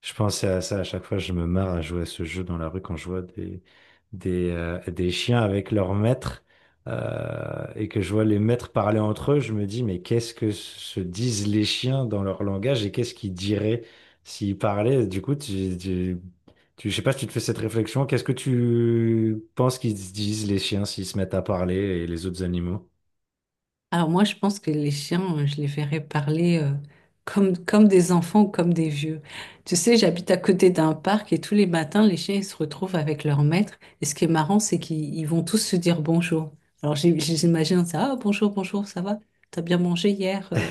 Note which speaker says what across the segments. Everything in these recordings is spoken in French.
Speaker 1: Je pensais à ça à chaque fois, je me marre à jouer à ce jeu dans la rue quand je vois des chiens avec leurs maîtres et que je vois les maîtres parler entre eux. Je me dis mais qu'est-ce que se disent les chiens dans leur langage et qu'est-ce qu'ils diraient s'ils parlaient? Du coup, je sais pas si tu te fais cette réflexion, qu'est-ce que tu penses qu'ils se disent, les chiens, s'ils se mettent à parler, et les autres animaux?
Speaker 2: Alors moi, je pense que les chiens, je les verrais parler comme, comme des enfants ou comme des vieux. Tu sais, j'habite à côté d'un parc et tous les matins, les chiens, ils se retrouvent avec leur maître. Et ce qui est marrant, c'est qu'ils ils vont tous se dire bonjour. Alors j'imagine ça, ah, bonjour, bonjour, ça va? T'as bien mangé hier?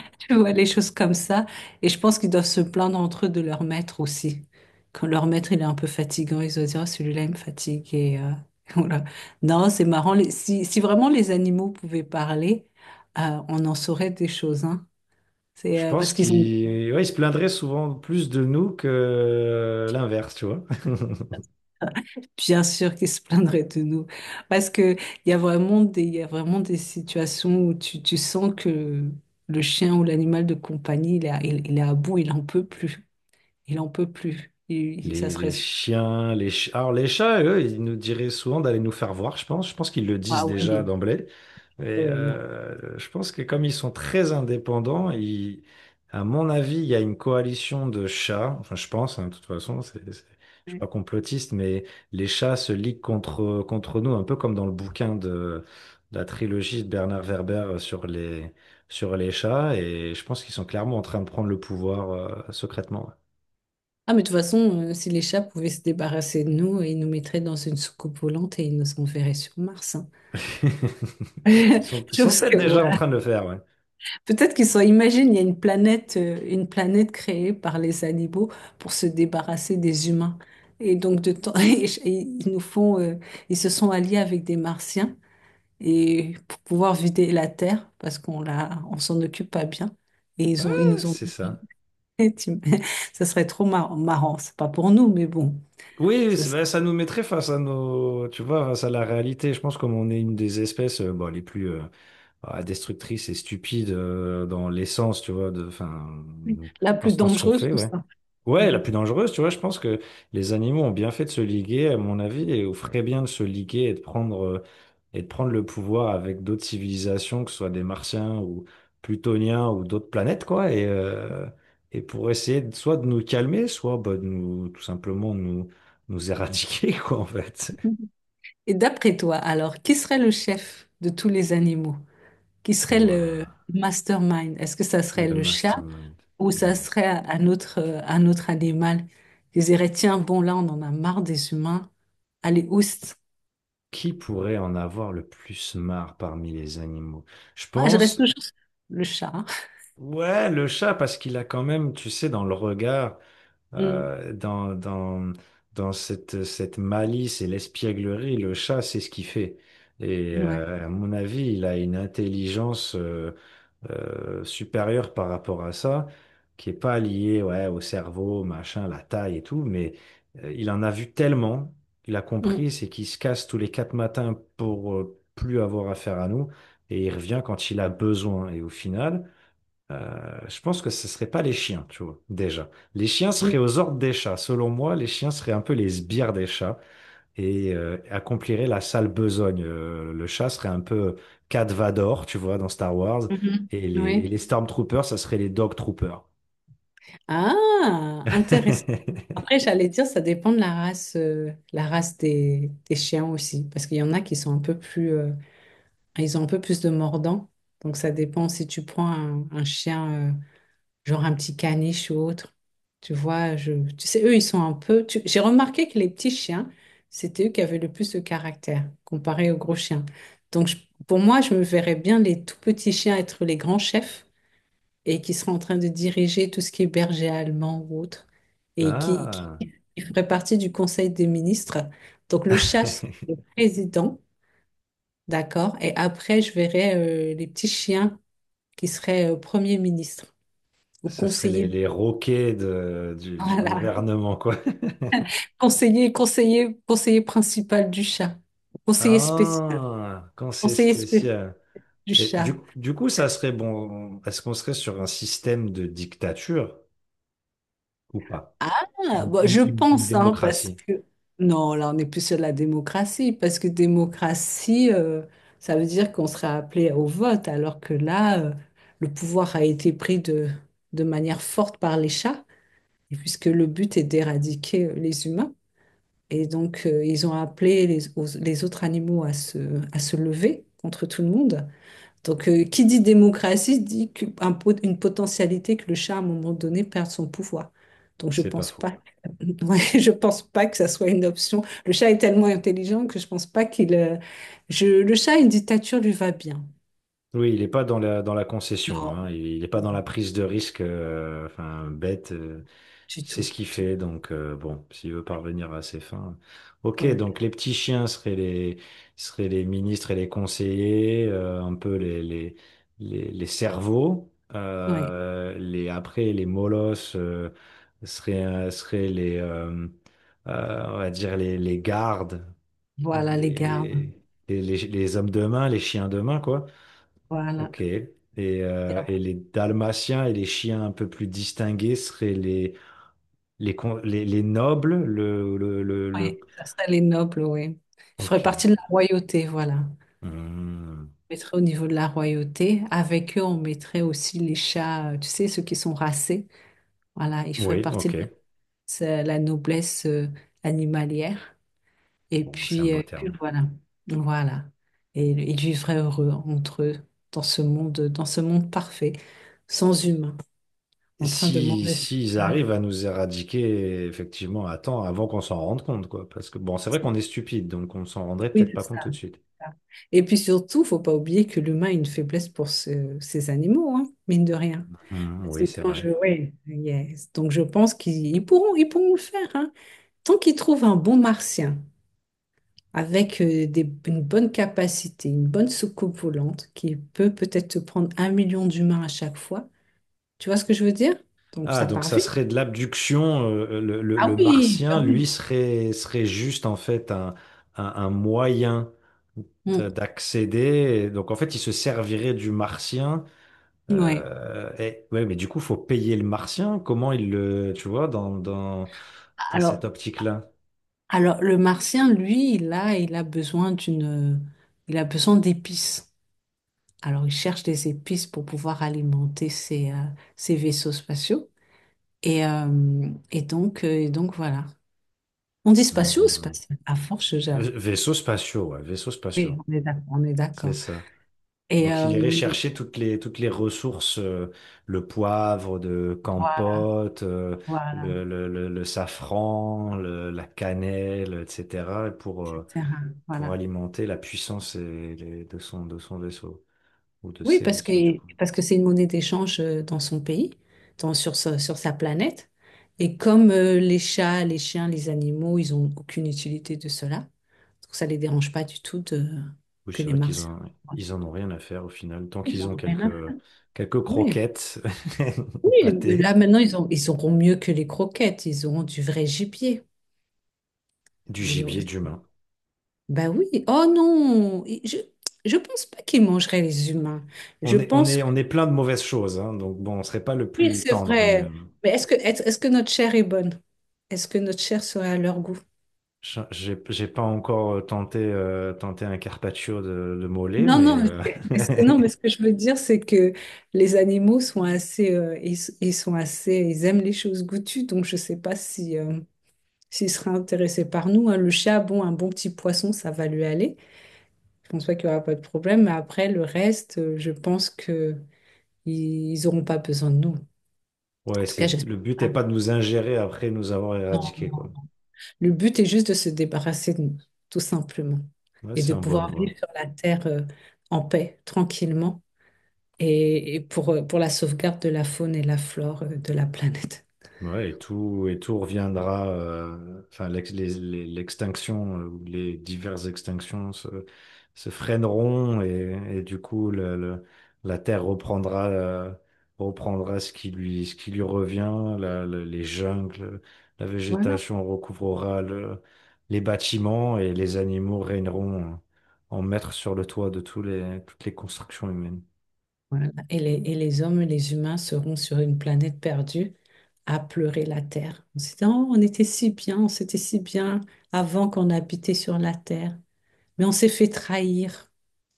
Speaker 2: Tu vois, les choses comme ça. Et je pense qu'ils doivent se plaindre entre eux de leur maître aussi. Quand leur maître, il est un peu fatigant, ils doivent dire, oh, celui-là, il me fatigue. Voilà. Non, c'est marrant. Si, si vraiment les animaux pouvaient parler, on en saurait des choses, hein. C'est
Speaker 1: Je
Speaker 2: parce
Speaker 1: pense
Speaker 2: qu'ils ont
Speaker 1: qu'il, ouais, il se plaindrait souvent plus de nous que l'inverse, tu vois.
Speaker 2: bien sûr qu'ils se plaindraient de nous. Parce que il y a vraiment il y a vraiment des situations où tu sens que le chien ou l'animal de compagnie, il est il est à bout, il en peut plus. Il en peut plus. Ça serait...
Speaker 1: Les chiens, les chats. Alors, les chats, eux, ils nous diraient souvent d'aller nous faire voir, je pense. Je pense qu'ils le disent
Speaker 2: Ah
Speaker 1: déjà
Speaker 2: oui.
Speaker 1: d'emblée. Et
Speaker 2: Oui, non.
Speaker 1: je pense que comme ils sont très indépendants, à mon avis, il y a une coalition de chats. Enfin, je pense, hein, de toute façon, je suis
Speaker 2: Ouais.
Speaker 1: pas complotiste, mais les chats se liguent contre, contre nous, un peu comme dans le bouquin de la trilogie de Bernard Werber sur les chats. Et je pense qu'ils sont clairement en train de prendre le pouvoir, secrètement.
Speaker 2: Ah, mais de toute façon, si les chats pouvaient se débarrasser de nous, ils nous mettraient dans une soucoupe volante et ils nous enverraient sur Mars, hein.
Speaker 1: Ils ils sont
Speaker 2: Chose
Speaker 1: peut-être
Speaker 2: que
Speaker 1: déjà en
Speaker 2: voilà.
Speaker 1: train de le faire, ouais.
Speaker 2: Peut-être qu'ils sont, imagine, il y a une planète créée par les animaux pour se débarrasser des humains. Et donc, de temps, et ils nous font, ils se sont alliés avec des Martiens et pour pouvoir vider la Terre parce on s'en occupe pas bien. Ils nous ont,
Speaker 1: C'est ça.
Speaker 2: ça serait trop marrant, marrant. C'est pas pour nous, mais bon.
Speaker 1: Oui, oui,
Speaker 2: Ça
Speaker 1: ben, ça nous mettrait face à nos, tu vois, face à la réalité. Je pense, comme on est une des espèces bon, les plus destructrices et stupides dans l'essence, tu vois, de, enfin,
Speaker 2: la
Speaker 1: dans,
Speaker 2: plus
Speaker 1: ce dans ce qu'on
Speaker 2: dangereuse,
Speaker 1: fait,
Speaker 2: tout
Speaker 1: ouais.
Speaker 2: ça.
Speaker 1: Ouais, la
Speaker 2: Ouais.
Speaker 1: plus dangereuse, tu vois, je pense que les animaux ont bien fait de se liguer, à mon avis, et feraient bien de se liguer et de prendre le pouvoir avec d'autres civilisations, que ce soit des Martiens ou Plutoniens ou d'autres planètes, quoi, et pour essayer de- soit de nous calmer, soit bah, de nous, tout simplement nous, nous éradiquer, quoi, en fait.
Speaker 2: Et d'après toi, alors, qui serait le chef de tous les animaux? Qui serait le
Speaker 1: Waouh,
Speaker 2: mastermind? Est-ce que ça serait
Speaker 1: le
Speaker 2: le chat
Speaker 1: mastermind.
Speaker 2: ou ça
Speaker 1: Hmm.
Speaker 2: serait un autre animal qui dirait, tiens, bon, là, on en a marre des humains. Allez, oust.
Speaker 1: Qui pourrait en avoir le plus marre parmi les animaux? Je
Speaker 2: Ah, je reste
Speaker 1: pense,
Speaker 2: toujours sur le chat, hein.
Speaker 1: ouais, le chat, parce qu'il a quand même, tu sais, dans le regard.
Speaker 2: Mm.
Speaker 1: euh, dans, dans, dans cette, cette malice et l'espièglerie, le chat, c'est ce qu'il fait. Et
Speaker 2: Ouais.
Speaker 1: à mon avis, il a une intelligence supérieure par rapport à ça, qui est pas liée, ouais, au cerveau, machin, la taille et tout, mais il en a vu tellement, il a
Speaker 2: Mm.
Speaker 1: compris, c'est qu'il se casse tous les quatre matins pour plus avoir affaire à nous, et il revient quand il a besoin. Et au final, je pense que ce ne seraient pas les chiens, tu vois, déjà. Les chiens
Speaker 2: Mm.
Speaker 1: seraient aux ordres des chats. Selon moi, les chiens seraient un peu les sbires des chats et accompliraient la sale besogne. Le chat serait un peu Cat Vador, tu vois, dans Star Wars.
Speaker 2: Mhm.
Speaker 1: Et
Speaker 2: Oui.
Speaker 1: les Stormtroopers, ça serait les Dog Troopers.
Speaker 2: Ah, intéressant. Après, j'allais dire, ça dépend de la race des chiens aussi, parce qu'il y en a qui sont un peu plus, euh. Ils ont un peu plus de mordant. Donc, ça dépend si tu prends un chien, genre un petit caniche ou autre. Tu vois, je, tu sais, eux, ils sont un peu. J'ai remarqué que les petits chiens, c'était eux qui avaient le plus de caractère comparé aux gros chiens. Donc, je- pour moi, je me verrais bien les tout petits chiens être les grands chefs et qui seraient en train de diriger tout ce qui est berger allemand ou autre et
Speaker 1: Ah,
Speaker 2: qui ferait partie du conseil des ministres. Donc, le chat serait président. D'accord. Et après, je verrai les petits chiens qui seraient Premier ministre ou
Speaker 1: ça serait
Speaker 2: conseiller.
Speaker 1: les roquets de- du
Speaker 2: Voilà.
Speaker 1: gouvernement, quoi.
Speaker 2: Conseiller principal du chat. Conseiller spécial.
Speaker 1: Ah, quand c'est
Speaker 2: Conseiller spécial
Speaker 1: spécial.
Speaker 2: du
Speaker 1: Et du,
Speaker 2: chat.
Speaker 1: coup- du coup, ça serait bon. Est-ce qu'on serait sur un système de dictature ou pas?
Speaker 2: Ah,
Speaker 1: Ce serait une,
Speaker 2: bon, je
Speaker 1: une
Speaker 2: pense, hein, parce
Speaker 1: démocratie,
Speaker 2: que... Non, là, on n'est plus sur la démocratie, parce que démocratie, ça veut dire qu'on sera appelé au vote, alors que là, le pouvoir a été pris de manière forte par les chats, et puisque le but est d'éradiquer les humains. Et donc, ils ont appelé les autres animaux à se lever contre tout le monde. Donc, qui dit démocratie dit une potentialité que le chat, à un moment donné, perde son pouvoir. Donc, je
Speaker 1: c'est pas
Speaker 2: pense
Speaker 1: faux.
Speaker 2: pas, ouais, je pense pas que ça soit une option. Le chat est tellement intelligent que je pense pas qu'il... le chat, une dictature lui va bien.
Speaker 1: Oui, il n'est pas dans la, dans la concession,
Speaker 2: Non,
Speaker 1: hein. Il n'est pas dans
Speaker 2: non,
Speaker 1: la prise de risque, enfin, bête. Euh.
Speaker 2: du
Speaker 1: C'est
Speaker 2: tout.
Speaker 1: ce qu'il fait, donc bon, s'il veut parvenir à ses fins. Ok,
Speaker 2: Ouais,
Speaker 1: donc les petits chiens seraient les ministres et les conseillers, un peu les cerveaux.
Speaker 2: ouais.
Speaker 1: Les, après, les molosses seraient, seraient les, on va dire les gardes,
Speaker 2: Voilà les gardes.
Speaker 1: les, les hommes de main, les chiens de main, quoi.
Speaker 2: Voilà.
Speaker 1: Ok. Et les dalmatiens et les chiens un peu plus distingués seraient les, les nobles, le,
Speaker 2: Oui, ça serait les nobles, oui. Je ferais
Speaker 1: Ok.
Speaker 2: partie de la royauté, voilà.
Speaker 1: Hmm.
Speaker 2: Je mettrais au niveau de la royauté. Avec eux, on mettrait aussi les chats, tu sais, ceux qui sont racés. Voilà, ils feraient
Speaker 1: Oui,
Speaker 2: partie de
Speaker 1: ok.
Speaker 2: la, c'est la noblesse animalière. Et
Speaker 1: Bon, c'est un
Speaker 2: puis,
Speaker 1: beau
Speaker 2: puis
Speaker 1: terme.
Speaker 2: voilà. Voilà. Et ils vivraient heureux entre eux, dans ce monde parfait, sans humains, en train de
Speaker 1: Si,
Speaker 2: manger.
Speaker 1: s'ils
Speaker 2: Voilà.
Speaker 1: arrivent à nous éradiquer, effectivement, à temps, avant qu'on s'en rende compte, quoi. Parce que, bon, c'est vrai qu'on est stupide, donc on s'en rendrait
Speaker 2: Oui,
Speaker 1: peut-être
Speaker 2: c'est
Speaker 1: pas compte
Speaker 2: ça.
Speaker 1: tout de suite.
Speaker 2: Et puis surtout, faut pas oublier que l'humain a une faiblesse pour ces animaux, hein, mine de rien.
Speaker 1: Hmm, oui,
Speaker 2: C'est
Speaker 1: c'est
Speaker 2: quand
Speaker 1: vrai.
Speaker 2: je... Oui, yes. Donc je pense qu'ils ils ils pourront le faire, hein. Tant qu'ils trouvent un bon martien avec une bonne capacité, une bonne soucoupe volante, qui peut peut-être te prendre 1 million d'humains à chaque fois, tu vois ce que je veux dire? Donc
Speaker 1: Ah,
Speaker 2: ça
Speaker 1: donc
Speaker 2: part
Speaker 1: ça
Speaker 2: vite.
Speaker 1: serait de l'abduction. Euh, le,
Speaker 2: Ah
Speaker 1: le
Speaker 2: oui, bah
Speaker 1: martien, lui,
Speaker 2: oui.
Speaker 1: serait, serait juste, en fait, un moyen
Speaker 2: Mm.
Speaker 1: d'accéder. Donc, en fait, il se servirait du martien.
Speaker 2: Ouais.
Speaker 1: Et, ouais, mais du coup, faut payer le martien. Comment il le, tu vois, dans, dans, dans cette
Speaker 2: Alors,
Speaker 1: optique-là?
Speaker 2: alors, le martien, lui, il a besoin d'une, il a besoin d'épices. Alors, ils cherchent des épices pour pouvoir alimenter ses, ses vaisseaux spatiaux. Et donc, voilà. On dit spatiaux ou
Speaker 1: Hum.
Speaker 2: spatial? À force, je...
Speaker 1: Vaisseaux spatiaux, ouais, vaisseaux
Speaker 2: Oui,
Speaker 1: spatiaux,
Speaker 2: on est d'accord. On est
Speaker 1: c'est
Speaker 2: d'accord.
Speaker 1: ça.
Speaker 2: Et
Speaker 1: Donc, il irait chercher toutes les ressources, le poivre de
Speaker 2: voilà,
Speaker 1: Campote,
Speaker 2: voilà,
Speaker 1: le safran, la cannelle, etc.,
Speaker 2: etc.
Speaker 1: pour
Speaker 2: Voilà.
Speaker 1: alimenter la puissance et de son vaisseau, ou de
Speaker 2: Oui,
Speaker 1: ses vaisseaux, du coup.
Speaker 2: parce que c'est une monnaie d'échange dans son pays, sur sa planète. Et comme les chats, les chiens, les animaux, ils n'ont aucune utilité de cela, donc ça ne les dérange pas du tout de,
Speaker 1: Oui,
Speaker 2: que
Speaker 1: c'est
Speaker 2: les
Speaker 1: vrai qu'ils
Speaker 2: Martiens.
Speaker 1: en, ils en ont rien à faire au final. Tant
Speaker 2: Ils
Speaker 1: qu'ils
Speaker 2: en
Speaker 1: ont
Speaker 2: ont rien
Speaker 1: quelques,
Speaker 2: à
Speaker 1: quelques
Speaker 2: oui,
Speaker 1: croquettes ou
Speaker 2: oui, là
Speaker 1: pâté,
Speaker 2: maintenant ils ont, ils auront mieux que les croquettes, ils auront du vrai gibier.
Speaker 1: du
Speaker 2: Ils auront-
Speaker 1: gibier, d'humain.
Speaker 2: Bah oui, oh non, et je pense pas qu'ils mangeraient les humains. Je
Speaker 1: On est, on
Speaker 2: pense
Speaker 1: est,
Speaker 2: que
Speaker 1: on est plein de mauvaises choses, hein, donc bon, on serait pas le
Speaker 2: oui,
Speaker 1: plus
Speaker 2: c'est
Speaker 1: tendre, mais
Speaker 2: vrai. Mais est-ce que est-ce que notre chair est bonne? Est-ce que notre chair serait à leur goût?
Speaker 1: j'ai pas encore tenté un carpaccio de mollet,
Speaker 2: Non,
Speaker 1: mais
Speaker 2: non, mais
Speaker 1: euh.
Speaker 2: est-ce que non, mais ce que je veux dire, c'est que les animaux sont assez, ils sont assez, ils aiment les choses goûtues, donc je sais pas si s'ils seraient intéressés par nous, hein. Le chat, bon, un bon petit poisson, ça va lui aller. Je pense pas qu'il y aura pas de problème, mais après, le reste, je pense que ils n'auront pas besoin de nous. En
Speaker 1: Ouais,
Speaker 2: tout cas,
Speaker 1: c'est,
Speaker 2: j'espère
Speaker 1: le but est
Speaker 2: pas.
Speaker 1: pas de nous ingérer après nous avoir éradiqués,
Speaker 2: Non.
Speaker 1: quoi.
Speaker 2: Le but est juste de se débarrasser de nous, tout simplement,
Speaker 1: Ouais,
Speaker 2: et
Speaker 1: c'est
Speaker 2: de
Speaker 1: en bonne
Speaker 2: pouvoir
Speaker 1: voie.
Speaker 2: vivre sur la terre en paix, tranquillement, et pour la sauvegarde de la faune et la flore de la planète.
Speaker 1: Ouais, et tout reviendra. Euh, enfin, l'extinction ou les diverses extinctions se, se freineront et du coup, la Terre reprendra, reprendra ce qui lui revient. Les jungles, la
Speaker 2: Voilà.
Speaker 1: végétation recouvrera les bâtiments et les animaux régneront en, en maîtres sur le toit de tous les, toutes les constructions humaines.
Speaker 2: Voilà. Et les hommes et les humains seront sur une planète perdue à pleurer la terre. On se dit, oh, on était si bien, on s'était si bien avant qu'on habitait sur la terre. Mais on s'est fait trahir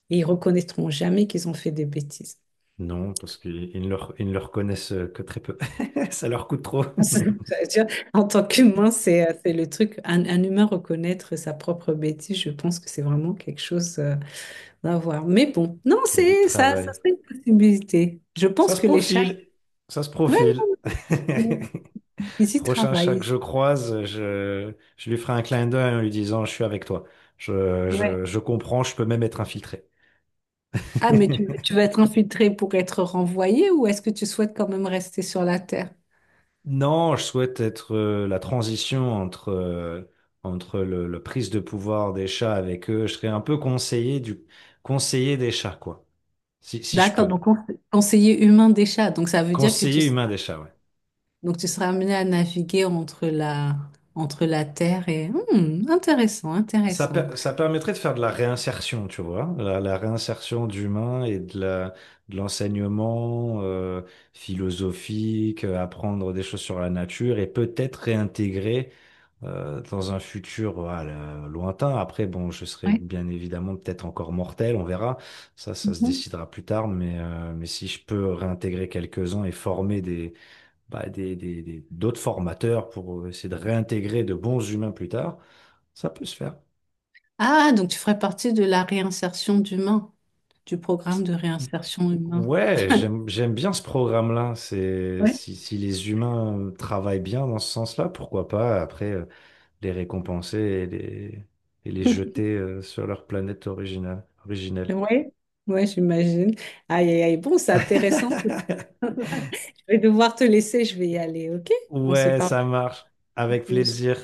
Speaker 2: et ils reconnaîtront jamais qu'ils ont fait des bêtises.
Speaker 1: Non, parce qu'ils ils ne le reconnaissent que très peu. Ça leur coûte trop.
Speaker 2: Ça veut dire, en tant qu'humain, c'est le truc. Un humain reconnaître sa propre bêtise, je pense que c'est vraiment quelque chose à voir. Mais bon, non,
Speaker 1: Il y a du
Speaker 2: c'est ça, ça
Speaker 1: travail.
Speaker 2: serait une possibilité. Je
Speaker 1: Ça
Speaker 2: pense
Speaker 1: se
Speaker 2: que les chats,
Speaker 1: profile. Ça se
Speaker 2: ouais,
Speaker 1: profile.
Speaker 2: non, ils, ils y
Speaker 1: Prochain chat que
Speaker 2: travaillent.
Speaker 1: je croise, je lui ferai un clin d'œil en lui disant, je suis avec toi.
Speaker 2: Ouais.
Speaker 1: Je comprends, je peux même être infiltré.
Speaker 2: Ah, mais tu vas être infiltré pour être renvoyé ou est-ce que tu souhaites quand même rester sur la Terre?
Speaker 1: Non, je souhaite être la transition entre, entre le prise de pouvoir des chats avec eux. Je serais un peu conseiller du conseiller des chats, quoi. Si, si je
Speaker 2: D'accord,
Speaker 1: peux.
Speaker 2: conseiller humain des chats. Donc ça veut dire que tu
Speaker 1: Conseiller humain des chats, ouais.
Speaker 2: donc tu seras amené à naviguer entre la Terre et... Hmm, intéressant,
Speaker 1: Ça,
Speaker 2: intéressant.
Speaker 1: ça permettrait de faire de la réinsertion, tu vois, la réinsertion d'humains et de la, de l'enseignement philosophique, apprendre des choses sur la nature et peut-être réintégrer dans un futur voilà, lointain. Après, bon, je serai
Speaker 2: Ouais.
Speaker 1: bien évidemment peut-être encore mortel, on verra. Ça se
Speaker 2: Mhm.
Speaker 1: décidera plus tard. Mais si je peux réintégrer quelques-uns et former des, bah, des, d'autres formateurs pour essayer de réintégrer de bons humains plus tard, ça peut se faire.
Speaker 2: Ah, donc tu ferais partie de la réinsertion d'humains, du programme de réinsertion humain.
Speaker 1: Ouais, j'aime bien ce programme-là. C'est
Speaker 2: Ouais.
Speaker 1: si, si les humains travaillent bien dans ce sens-là, pourquoi pas après les récompenser et les jeter sur leur planète originale, originelle.
Speaker 2: Oui, ouais, j'imagine. Aïe, aïe, aïe. Bon, c'est intéressant. Je vais devoir te laisser, je vais y aller, ok? On se
Speaker 1: Ouais,
Speaker 2: parle
Speaker 1: ça marche. Avec
Speaker 2: plus.
Speaker 1: plaisir.